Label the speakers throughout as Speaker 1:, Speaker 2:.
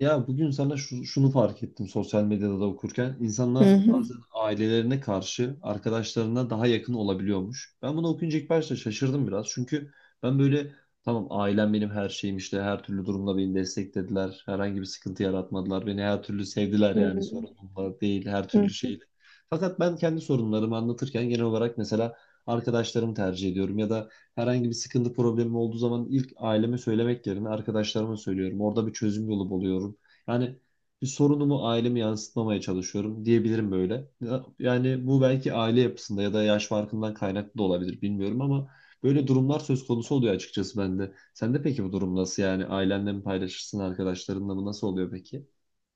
Speaker 1: Ya bugün sana şunu fark ettim sosyal medyada da okurken.
Speaker 2: Hı
Speaker 1: İnsanlar
Speaker 2: hı.
Speaker 1: bazen ailelerine karşı arkadaşlarına daha yakın olabiliyormuş. Ben bunu okuyunca ilk başta şaşırdım biraz. Çünkü ben böyle tamam, ailem benim her şeyim, işte her türlü durumda beni desteklediler. Herhangi bir sıkıntı yaratmadılar. Beni her türlü sevdiler,
Speaker 2: Hı
Speaker 1: yani sorunumla değil her türlü
Speaker 2: hı.
Speaker 1: şeyle. Fakat ben kendi sorunlarımı anlatırken genel olarak mesela arkadaşlarımı tercih ediyorum ya da herhangi bir sıkıntı, problemim olduğu zaman ilk aileme söylemek yerine arkadaşlarıma söylüyorum. Orada bir çözüm yolu buluyorum. Yani bir sorunumu aileme yansıtmamaya çalışıyorum diyebilirim böyle. Yani bu belki aile yapısında ya da yaş farkından kaynaklı da olabilir, bilmiyorum ama böyle durumlar söz konusu oluyor açıkçası bende. Sende peki bu durum nasıl yani? Ailenle mi paylaşırsın, arkadaşlarınla mı? Nasıl oluyor peki?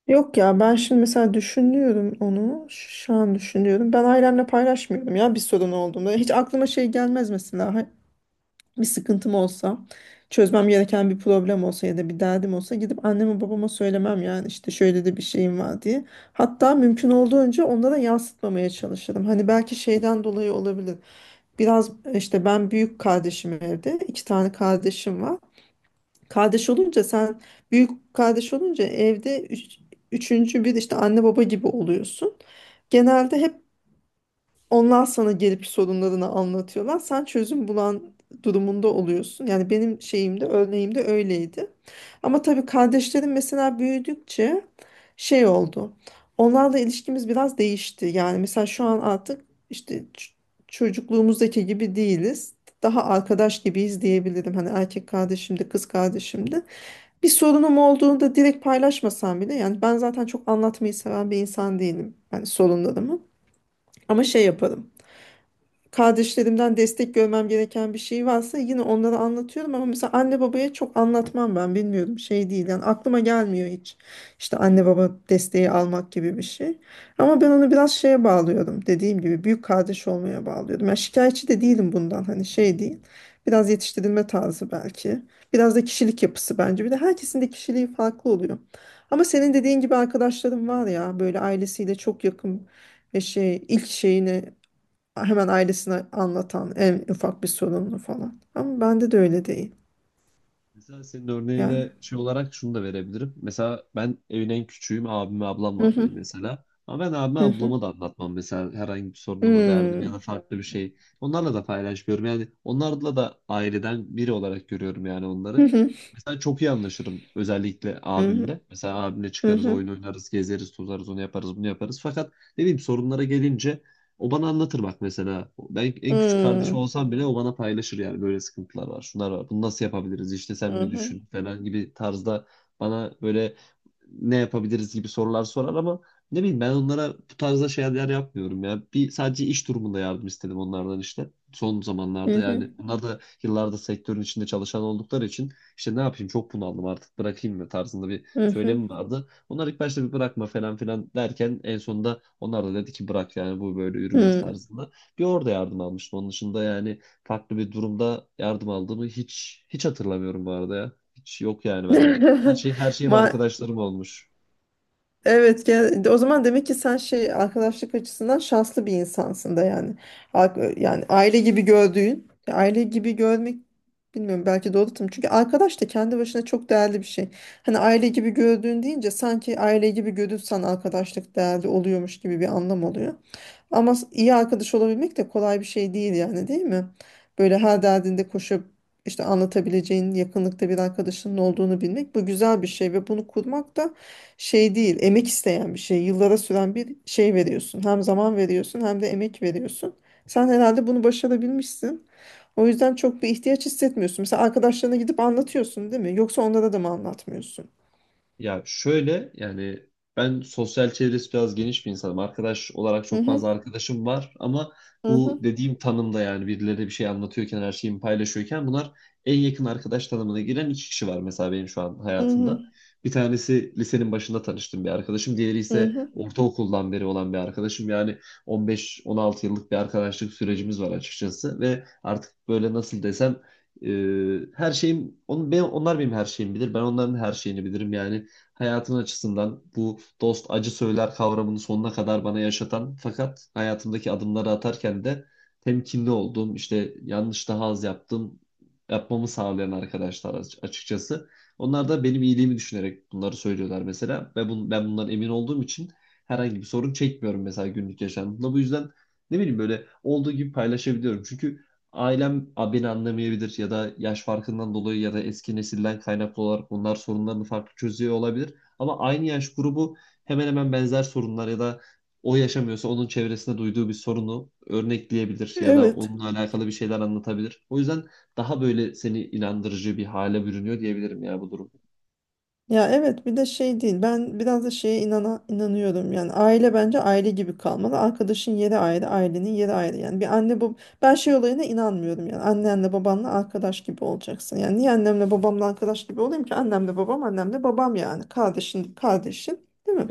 Speaker 2: Yok ya ben şimdi mesela düşünüyorum onu. Şu an düşünüyorum. Ben ailemle paylaşmıyorum ya bir sorun olduğunda. Hiç aklıma şey gelmez mesela. Bir sıkıntım olsa, çözmem gereken bir problem olsa ya da bir derdim olsa gidip anneme babama söylemem yani işte şöyle de bir şeyim var diye. Hatta mümkün olduğunca onlara yansıtmamaya çalışırım. Hani belki şeyden dolayı olabilir. Biraz işte ben büyük kardeşim evde. 2 tane kardeşim var. Kardeş olunca sen büyük kardeş olunca evde üçüncü bir işte anne baba gibi oluyorsun. Genelde hep onlar sana gelip sorunlarını anlatıyorlar. Sen çözüm bulan durumunda oluyorsun. Yani benim şeyimde, örneğimde öyleydi. Ama tabii kardeşlerim mesela büyüdükçe şey oldu. Onlarla ilişkimiz biraz değişti. Yani mesela şu an artık işte çocukluğumuzdaki gibi değiliz. Daha arkadaş gibiyiz diyebilirim. Hani erkek kardeşim de kız kardeşim de. Bir sorunum olduğunda direkt paylaşmasam bile yani ben zaten çok anlatmayı seven bir insan değilim. Yani sorunlarımı. Ama şey yaparım, kardeşlerimden destek görmem gereken bir şey varsa yine onlara anlatıyorum ama mesela anne babaya çok anlatmam ben, bilmiyorum, şey değil yani, aklıma gelmiyor hiç işte anne baba desteği almak gibi bir şey. Ama ben onu biraz şeye bağlıyorum, dediğim gibi büyük kardeş olmaya bağlıyorum. Yani şikayetçi de değilim bundan, hani şey değil, biraz yetiştirilme tarzı belki, biraz da kişilik yapısı bence. Bir de herkesin de kişiliği farklı oluyor ama senin dediğin gibi arkadaşlarım var ya böyle ailesiyle çok yakın ve şey, ilk şeyini hemen ailesine anlatan, en ufak bir sorununu falan. Ama bende de öyle değil
Speaker 1: Mesela senin
Speaker 2: yani.
Speaker 1: örneğine şey olarak şunu da verebilirim. Mesela ben evin en küçüğüm. Abim ve ablam
Speaker 2: Hı
Speaker 1: var
Speaker 2: hı,
Speaker 1: benim mesela. Ama ben abime
Speaker 2: hı hı.
Speaker 1: ablama da anlatmam. Mesela herhangi bir sorunumu, derdim ya da
Speaker 2: Hmm.
Speaker 1: farklı bir şey. Onlarla da paylaşmıyorum. Yani onlarla da aileden biri olarak görüyorum yani
Speaker 2: Hı
Speaker 1: onları.
Speaker 2: hı,
Speaker 1: Mesela çok iyi anlaşırım özellikle
Speaker 2: hı hı,
Speaker 1: abimle. Mesela abimle
Speaker 2: hı
Speaker 1: çıkarız,
Speaker 2: hı.
Speaker 1: oyun oynarız, gezeriz, tozarız, onu yaparız, bunu yaparız. Fakat ne bileyim sorunlara gelince o bana anlatır bak mesela. Ben en küçük kardeşim
Speaker 2: Hmm.
Speaker 1: olsam bile o bana paylaşır, yani böyle sıkıntılar var, şunlar var. Bunu nasıl yapabiliriz? İşte
Speaker 2: Hı
Speaker 1: sen bir
Speaker 2: hı,
Speaker 1: düşün falan gibi tarzda bana böyle ne yapabiliriz gibi sorular sorar ama ne bileyim ben onlara bu tarzda şeyler yapmıyorum ya. Bir sadece iş durumunda yardım istedim onlardan işte. Son
Speaker 2: hı
Speaker 1: zamanlarda
Speaker 2: hı,
Speaker 1: yani onlar da yıllarda sektörün içinde çalışan oldukları için işte ne yapayım, çok bunaldım, artık bırakayım mı tarzında bir
Speaker 2: hı hı.
Speaker 1: söylemi vardı. Onlar ilk başta bir bırakma falan filan derken en sonunda onlar da dedi ki bırak, yani bu böyle yürümez
Speaker 2: Hmm.
Speaker 1: tarzında. Bir orada yardım almıştım. Onun dışında yani farklı bir durumda yardım aldığımı hiç hatırlamıyorum bu arada ya. Hiç yok yani bende. Her şey, her şeyim
Speaker 2: Ma-
Speaker 1: arkadaşlarım olmuş.
Speaker 2: Evet, o zaman demek ki sen şey, arkadaşlık açısından şanslı bir insansın da yani. Yani aile gibi gördüğün, aile gibi görmek, bilmiyorum, belki doğru tanım. Çünkü arkadaş da kendi başına çok değerli bir şey. Hani "aile gibi gördüğün" deyince sanki aile gibi görürsen arkadaşlık değerli oluyormuş gibi bir anlam oluyor. Ama iyi arkadaş olabilmek de kolay bir şey değil yani, değil mi? Böyle her derdinde koşup işte anlatabileceğin yakınlıkta bir arkadaşının olduğunu bilmek, bu güzel bir şey ve bunu kurmak da şey değil, emek isteyen bir şey. Yıllara süren bir şey, veriyorsun. Hem zaman veriyorsun hem de emek veriyorsun. Sen herhalde bunu başarabilmişsin. O yüzden çok bir ihtiyaç hissetmiyorsun. Mesela arkadaşlarına gidip anlatıyorsun değil mi? Yoksa onlara da mı anlatmıyorsun?
Speaker 1: Ya şöyle yani ben sosyal çevresi biraz geniş bir insanım. Arkadaş olarak
Speaker 2: Hı
Speaker 1: çok fazla
Speaker 2: hı,
Speaker 1: arkadaşım var ama
Speaker 2: hı
Speaker 1: bu
Speaker 2: hı,
Speaker 1: dediğim tanımda yani birileri bir şey anlatıyorken, her şeyimi paylaşıyorken bunlar en yakın arkadaş tanımına giren iki kişi var mesela benim şu an
Speaker 2: hı hı,
Speaker 1: hayatımda. Bir tanesi lisenin başında tanıştığım bir arkadaşım. Diğeri
Speaker 2: hı
Speaker 1: ise
Speaker 2: hı.
Speaker 1: ortaokuldan beri olan bir arkadaşım. Yani 15-16 yıllık bir arkadaşlık sürecimiz var açıkçası ve artık böyle nasıl desem e, her şeyim onun, ben, onlar benim her şeyimi bilir. Ben onların her şeyini bilirim. Yani hayatın açısından bu dost acı söyler kavramını sonuna kadar bana yaşatan, fakat hayatımdaki adımları atarken de temkinli olduğum, işte yanlış daha az yaptım, yapmamı sağlayan arkadaşlar açıkçası. Onlar da benim iyiliğimi düşünerek bunları söylüyorlar mesela ve ben bundan emin olduğum için herhangi bir sorun çekmiyorum mesela günlük yaşamımda. Bu yüzden ne bileyim böyle olduğu gibi paylaşabiliyorum. Çünkü ailem beni anlamayabilir ya da yaş farkından dolayı ya da eski nesilden kaynaklı olarak bunlar sorunlarını farklı çözüyor olabilir. Ama aynı yaş grubu hemen hemen benzer sorunlar ya da o yaşamıyorsa onun çevresinde duyduğu bir sorunu örnekleyebilir ya da
Speaker 2: Evet.
Speaker 1: onunla alakalı bir şeyler anlatabilir. O yüzden daha böyle seni inandırıcı bir hale bürünüyor diyebilirim ya bu durum.
Speaker 2: Ya evet, bir de şey değil, ben biraz da şeye inanıyorum yani, aile bence aile gibi kalmalı, arkadaşın yeri ayrı, ailenin yeri ayrı. Yani bir anne, bu, ben şey olayına inanmıyorum yani annenle babanla arkadaş gibi olacaksın. Yani niye annemle babamla arkadaş gibi olayım ki? Annemle babam annemle babam yani, kardeşin kardeşin, değil mi,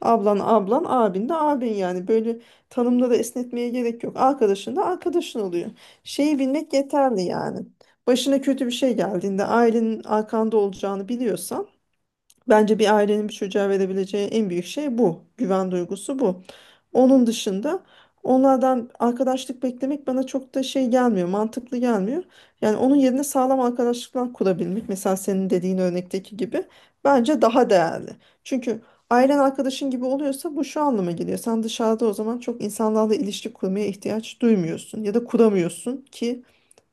Speaker 2: ablan ablan, abin de abin. Yani böyle tanımları esnetmeye gerek yok, arkadaşın da arkadaşın oluyor. Şeyi bilmek yeterli yani, başına kötü bir şey geldiğinde ailenin arkanda olacağını biliyorsan. Bence bir ailenin bir çocuğa verebileceği en büyük şey bu. Güven duygusu bu. Onun dışında onlardan arkadaşlık beklemek bana çok da şey gelmiyor, mantıklı gelmiyor. Yani onun yerine sağlam arkadaşlıklar kurabilmek, mesela senin dediğin örnekteki gibi, bence daha değerli. Çünkü ailen arkadaşın gibi oluyorsa bu şu anlama geliyor: sen dışarıda o zaman çok insanlarla ilişki kurmaya ihtiyaç duymuyorsun ya da kuramıyorsun ki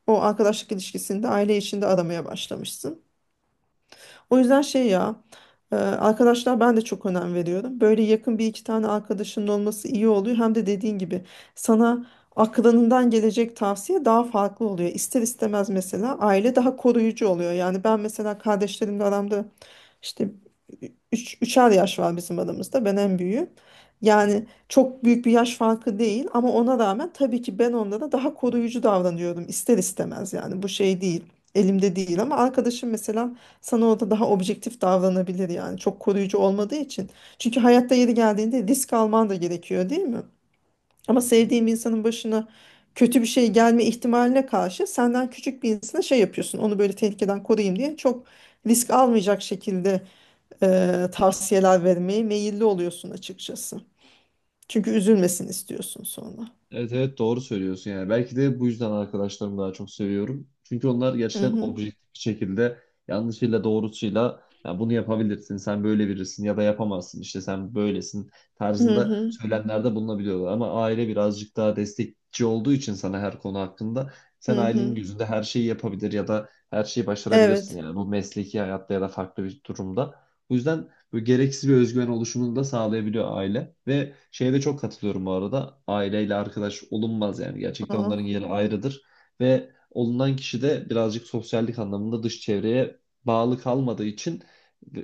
Speaker 2: o arkadaşlık ilişkisini de aile içinde aramaya başlamışsın. O yüzden şey ya, arkadaşlar, ben de çok önem veriyorum. Böyle yakın bir iki tane arkadaşının olması iyi oluyor. Hem de dediğin gibi sana aklından gelecek tavsiye daha farklı oluyor. İster istemez mesela aile daha koruyucu oluyor. Yani ben mesela kardeşlerimle aramda işte 3'er yaş var bizim aramızda. Ben en büyüğüm. Yani çok büyük bir yaş farkı değil ama ona rağmen tabii ki ben onlara daha koruyucu davranıyorum ister istemez. Yani bu şey değil, elimde değil. Ama arkadaşım mesela sana, o da daha objektif davranabilir yani, çok koruyucu olmadığı için. Çünkü hayatta yeri geldiğinde risk alman da gerekiyor, değil mi? Ama sevdiğim
Speaker 1: Kesinlikle.
Speaker 2: insanın başına kötü bir şey gelme ihtimaline karşı, senden küçük bir insana şey yapıyorsun, onu böyle tehlikeden koruyayım diye çok risk almayacak şekilde e, tavsiyeler vermeye meyilli oluyorsun açıkçası. Çünkü üzülmesin istiyorsun sonra.
Speaker 1: Evet evet, doğru söylüyorsun yani. Belki de bu yüzden arkadaşlarımı daha çok seviyorum. Çünkü onlar
Speaker 2: Hı
Speaker 1: gerçekten
Speaker 2: hı.
Speaker 1: objektif bir şekilde yanlışıyla doğrusuyla ya bunu yapabilirsin, sen böyle birisin ya da yapamazsın, işte sen böylesin
Speaker 2: Hı
Speaker 1: tarzında
Speaker 2: hı.
Speaker 1: söylemlerde bulunabiliyorlar. Ama aile birazcık daha destekçi olduğu için sana her konu hakkında sen
Speaker 2: Hı
Speaker 1: ailenin
Speaker 2: hı.
Speaker 1: gözünde her şeyi yapabilir ya da her şeyi başarabilirsin,
Speaker 2: Evet.
Speaker 1: yani bu mesleki hayatta ya da farklı bir durumda. Bu yüzden böyle gereksiz bir özgüven oluşumunu da sağlayabiliyor aile. Ve şeye de çok katılıyorum bu arada. Aileyle arkadaş olunmaz yani. Gerçekten onların
Speaker 2: Aa.
Speaker 1: yeri ayrıdır. Ve olunan kişi de birazcık sosyallik anlamında dış çevreye bağlı kalmadığı için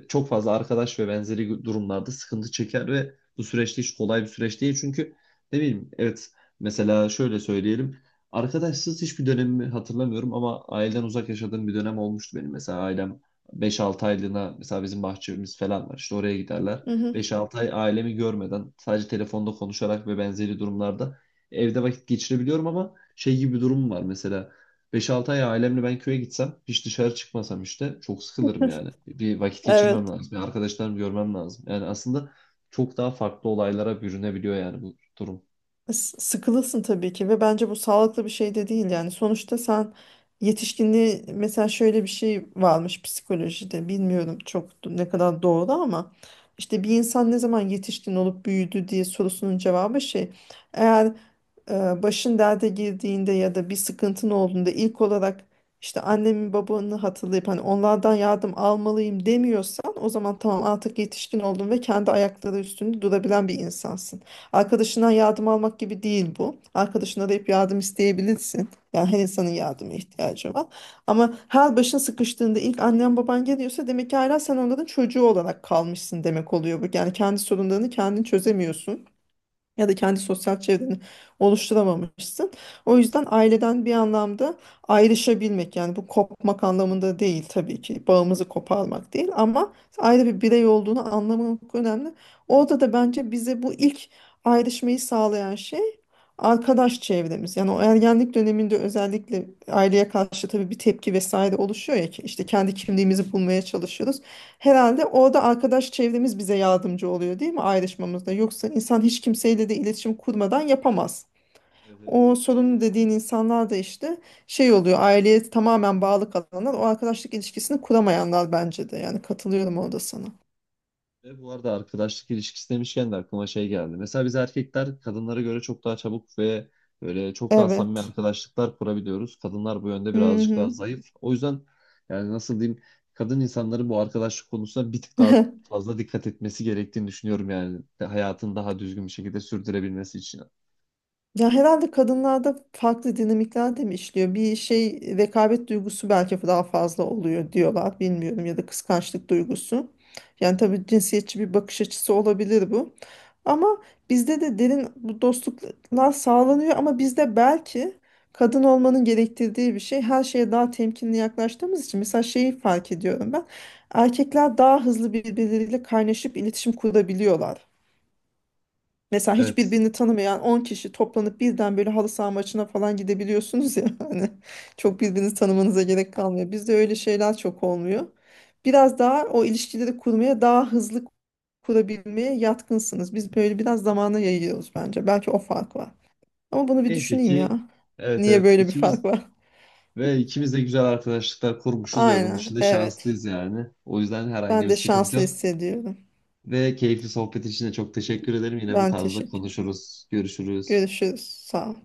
Speaker 1: çok fazla arkadaş ve benzeri durumlarda sıkıntı çeker ve bu süreçte hiç kolay bir süreç değil. Çünkü ne bileyim, evet mesela şöyle söyleyelim. Arkadaşsız hiçbir dönemimi hatırlamıyorum ama aileden uzak yaşadığım bir dönem olmuştu benim. Mesela ailem beş-altı aylığına, mesela bizim bahçemiz falan var. İşte oraya giderler.
Speaker 2: Hı hı.
Speaker 1: Beş-altı ay ailemi görmeden sadece telefonda konuşarak ve benzeri durumlarda evde vakit geçirebiliyorum, ama şey gibi bir durum var mesela. Beş-altı ay ailemle ben köye gitsem, hiç dışarı çıkmasam işte çok sıkılırım yani. Bir vakit geçirmem
Speaker 2: Evet.
Speaker 1: lazım. Bir arkadaşlarımı görmem lazım. Yani aslında çok daha farklı olaylara bürünebiliyor yani bu durum.
Speaker 2: Sıkılırsın tabii ki ve bence bu sağlıklı bir şey de değil yani, sonuçta sen yetişkinliği, mesela şöyle bir şey varmış psikolojide, bilmiyorum çok ne kadar doğru ama işte, bir insan ne zaman yetişkin olup büyüdü diye sorusunun cevabı şey, eğer başın derde girdiğinde ya da bir sıkıntın olduğunda ilk olarak işte annemi babanı hatırlayıp hani onlardan yardım almalıyım demiyorsan, o zaman tamam, artık yetişkin oldun ve kendi ayakları üstünde durabilen bir insansın. Arkadaşından yardım almak gibi değil bu. Arkadaşına arayıp yardım isteyebilirsin. Yani her insanın yardıma ihtiyacı var. Ama her başın sıkıştığında ilk annen baban geliyorsa, demek ki hala sen onların çocuğu olarak kalmışsın, demek oluyor bu. Yani kendi sorunlarını kendin çözemiyorsun ya da kendi sosyal çevreni oluşturamamışsın. O yüzden aileden bir anlamda ayrışabilmek, yani bu kopmak anlamında değil tabii ki, bağımızı koparmak değil ama ayrı bir birey olduğunu anlamak önemli. Orada da bence bize bu ilk ayrışmayı sağlayan şey arkadaş çevremiz. Yani o ergenlik döneminde özellikle aileye karşı tabii bir tepki vesaire oluşuyor ya, ki işte kendi kimliğimizi bulmaya çalışıyoruz. Herhalde orada arkadaş çevremiz bize yardımcı oluyor, değil mi, ayrışmamızda? Yoksa insan hiç kimseyle de iletişim kurmadan yapamaz.
Speaker 1: Evet, evet.
Speaker 2: O sorunlu dediğin insanlar da işte şey oluyor, aileye tamamen bağlı kalanlar, o arkadaşlık ilişkisini kuramayanlar, bence de yani, katılıyorum orada sana.
Speaker 1: Ve bu arada arkadaşlık ilişkisi demişken de aklıma şey geldi. Mesela biz erkekler kadınlara göre çok daha çabuk ve böyle çok daha samimi
Speaker 2: Evet.
Speaker 1: arkadaşlıklar kurabiliyoruz. Kadınlar bu yönde birazcık daha
Speaker 2: Hı
Speaker 1: zayıf. O yüzden yani nasıl diyeyim, kadın insanların bu arkadaşlık konusuna bir tık daha
Speaker 2: hı.
Speaker 1: fazla dikkat etmesi gerektiğini düşünüyorum yani, hayatını daha düzgün bir şekilde sürdürebilmesi için.
Speaker 2: Ya herhalde kadınlarda farklı dinamikler de mi işliyor? Bir şey, rekabet duygusu belki daha fazla oluyor diyorlar. Bilmiyorum, ya da kıskançlık duygusu. Yani tabii cinsiyetçi bir bakış açısı olabilir bu. Ama bizde de derin bu dostluklar sağlanıyor ama bizde belki kadın olmanın gerektirdiği bir şey, her şeye daha temkinli yaklaştığımız için, mesela şeyi fark ediyorum ben. Erkekler daha hızlı birbirleriyle kaynaşıp iletişim kurabiliyorlar. Mesela hiç
Speaker 1: Evet.
Speaker 2: birbirini tanımayan 10 kişi toplanıp birden böyle halı saha maçına falan gidebiliyorsunuz ya, hani çok birbirinizi tanımanıza gerek kalmıyor. Bizde öyle şeyler çok olmuyor. Biraz daha o ilişkileri kurmaya, daha hızlı kurabilmeye yatkınsınız. Biz böyle biraz zamana yayıyoruz bence. Belki o fark var. Ama bunu bir
Speaker 1: Neyse
Speaker 2: düşüneyim
Speaker 1: ki,
Speaker 2: ya.
Speaker 1: evet
Speaker 2: Niye
Speaker 1: evet
Speaker 2: böyle bir
Speaker 1: ikimiz
Speaker 2: fark var?
Speaker 1: ve ikimiz de güzel arkadaşlıklar kurmuşuz ve bunun
Speaker 2: Aynen,
Speaker 1: için de
Speaker 2: evet.
Speaker 1: şanslıyız yani. O yüzden herhangi
Speaker 2: Ben
Speaker 1: bir
Speaker 2: de
Speaker 1: sıkıntı
Speaker 2: şanslı
Speaker 1: yok.
Speaker 2: hissediyorum.
Speaker 1: Ve keyifli sohbet için de çok teşekkür ederim. Yine bu
Speaker 2: Ben
Speaker 1: tarzda
Speaker 2: teşekkür.
Speaker 1: konuşuruz, görüşürüz.
Speaker 2: Görüşürüz. Sağ ol.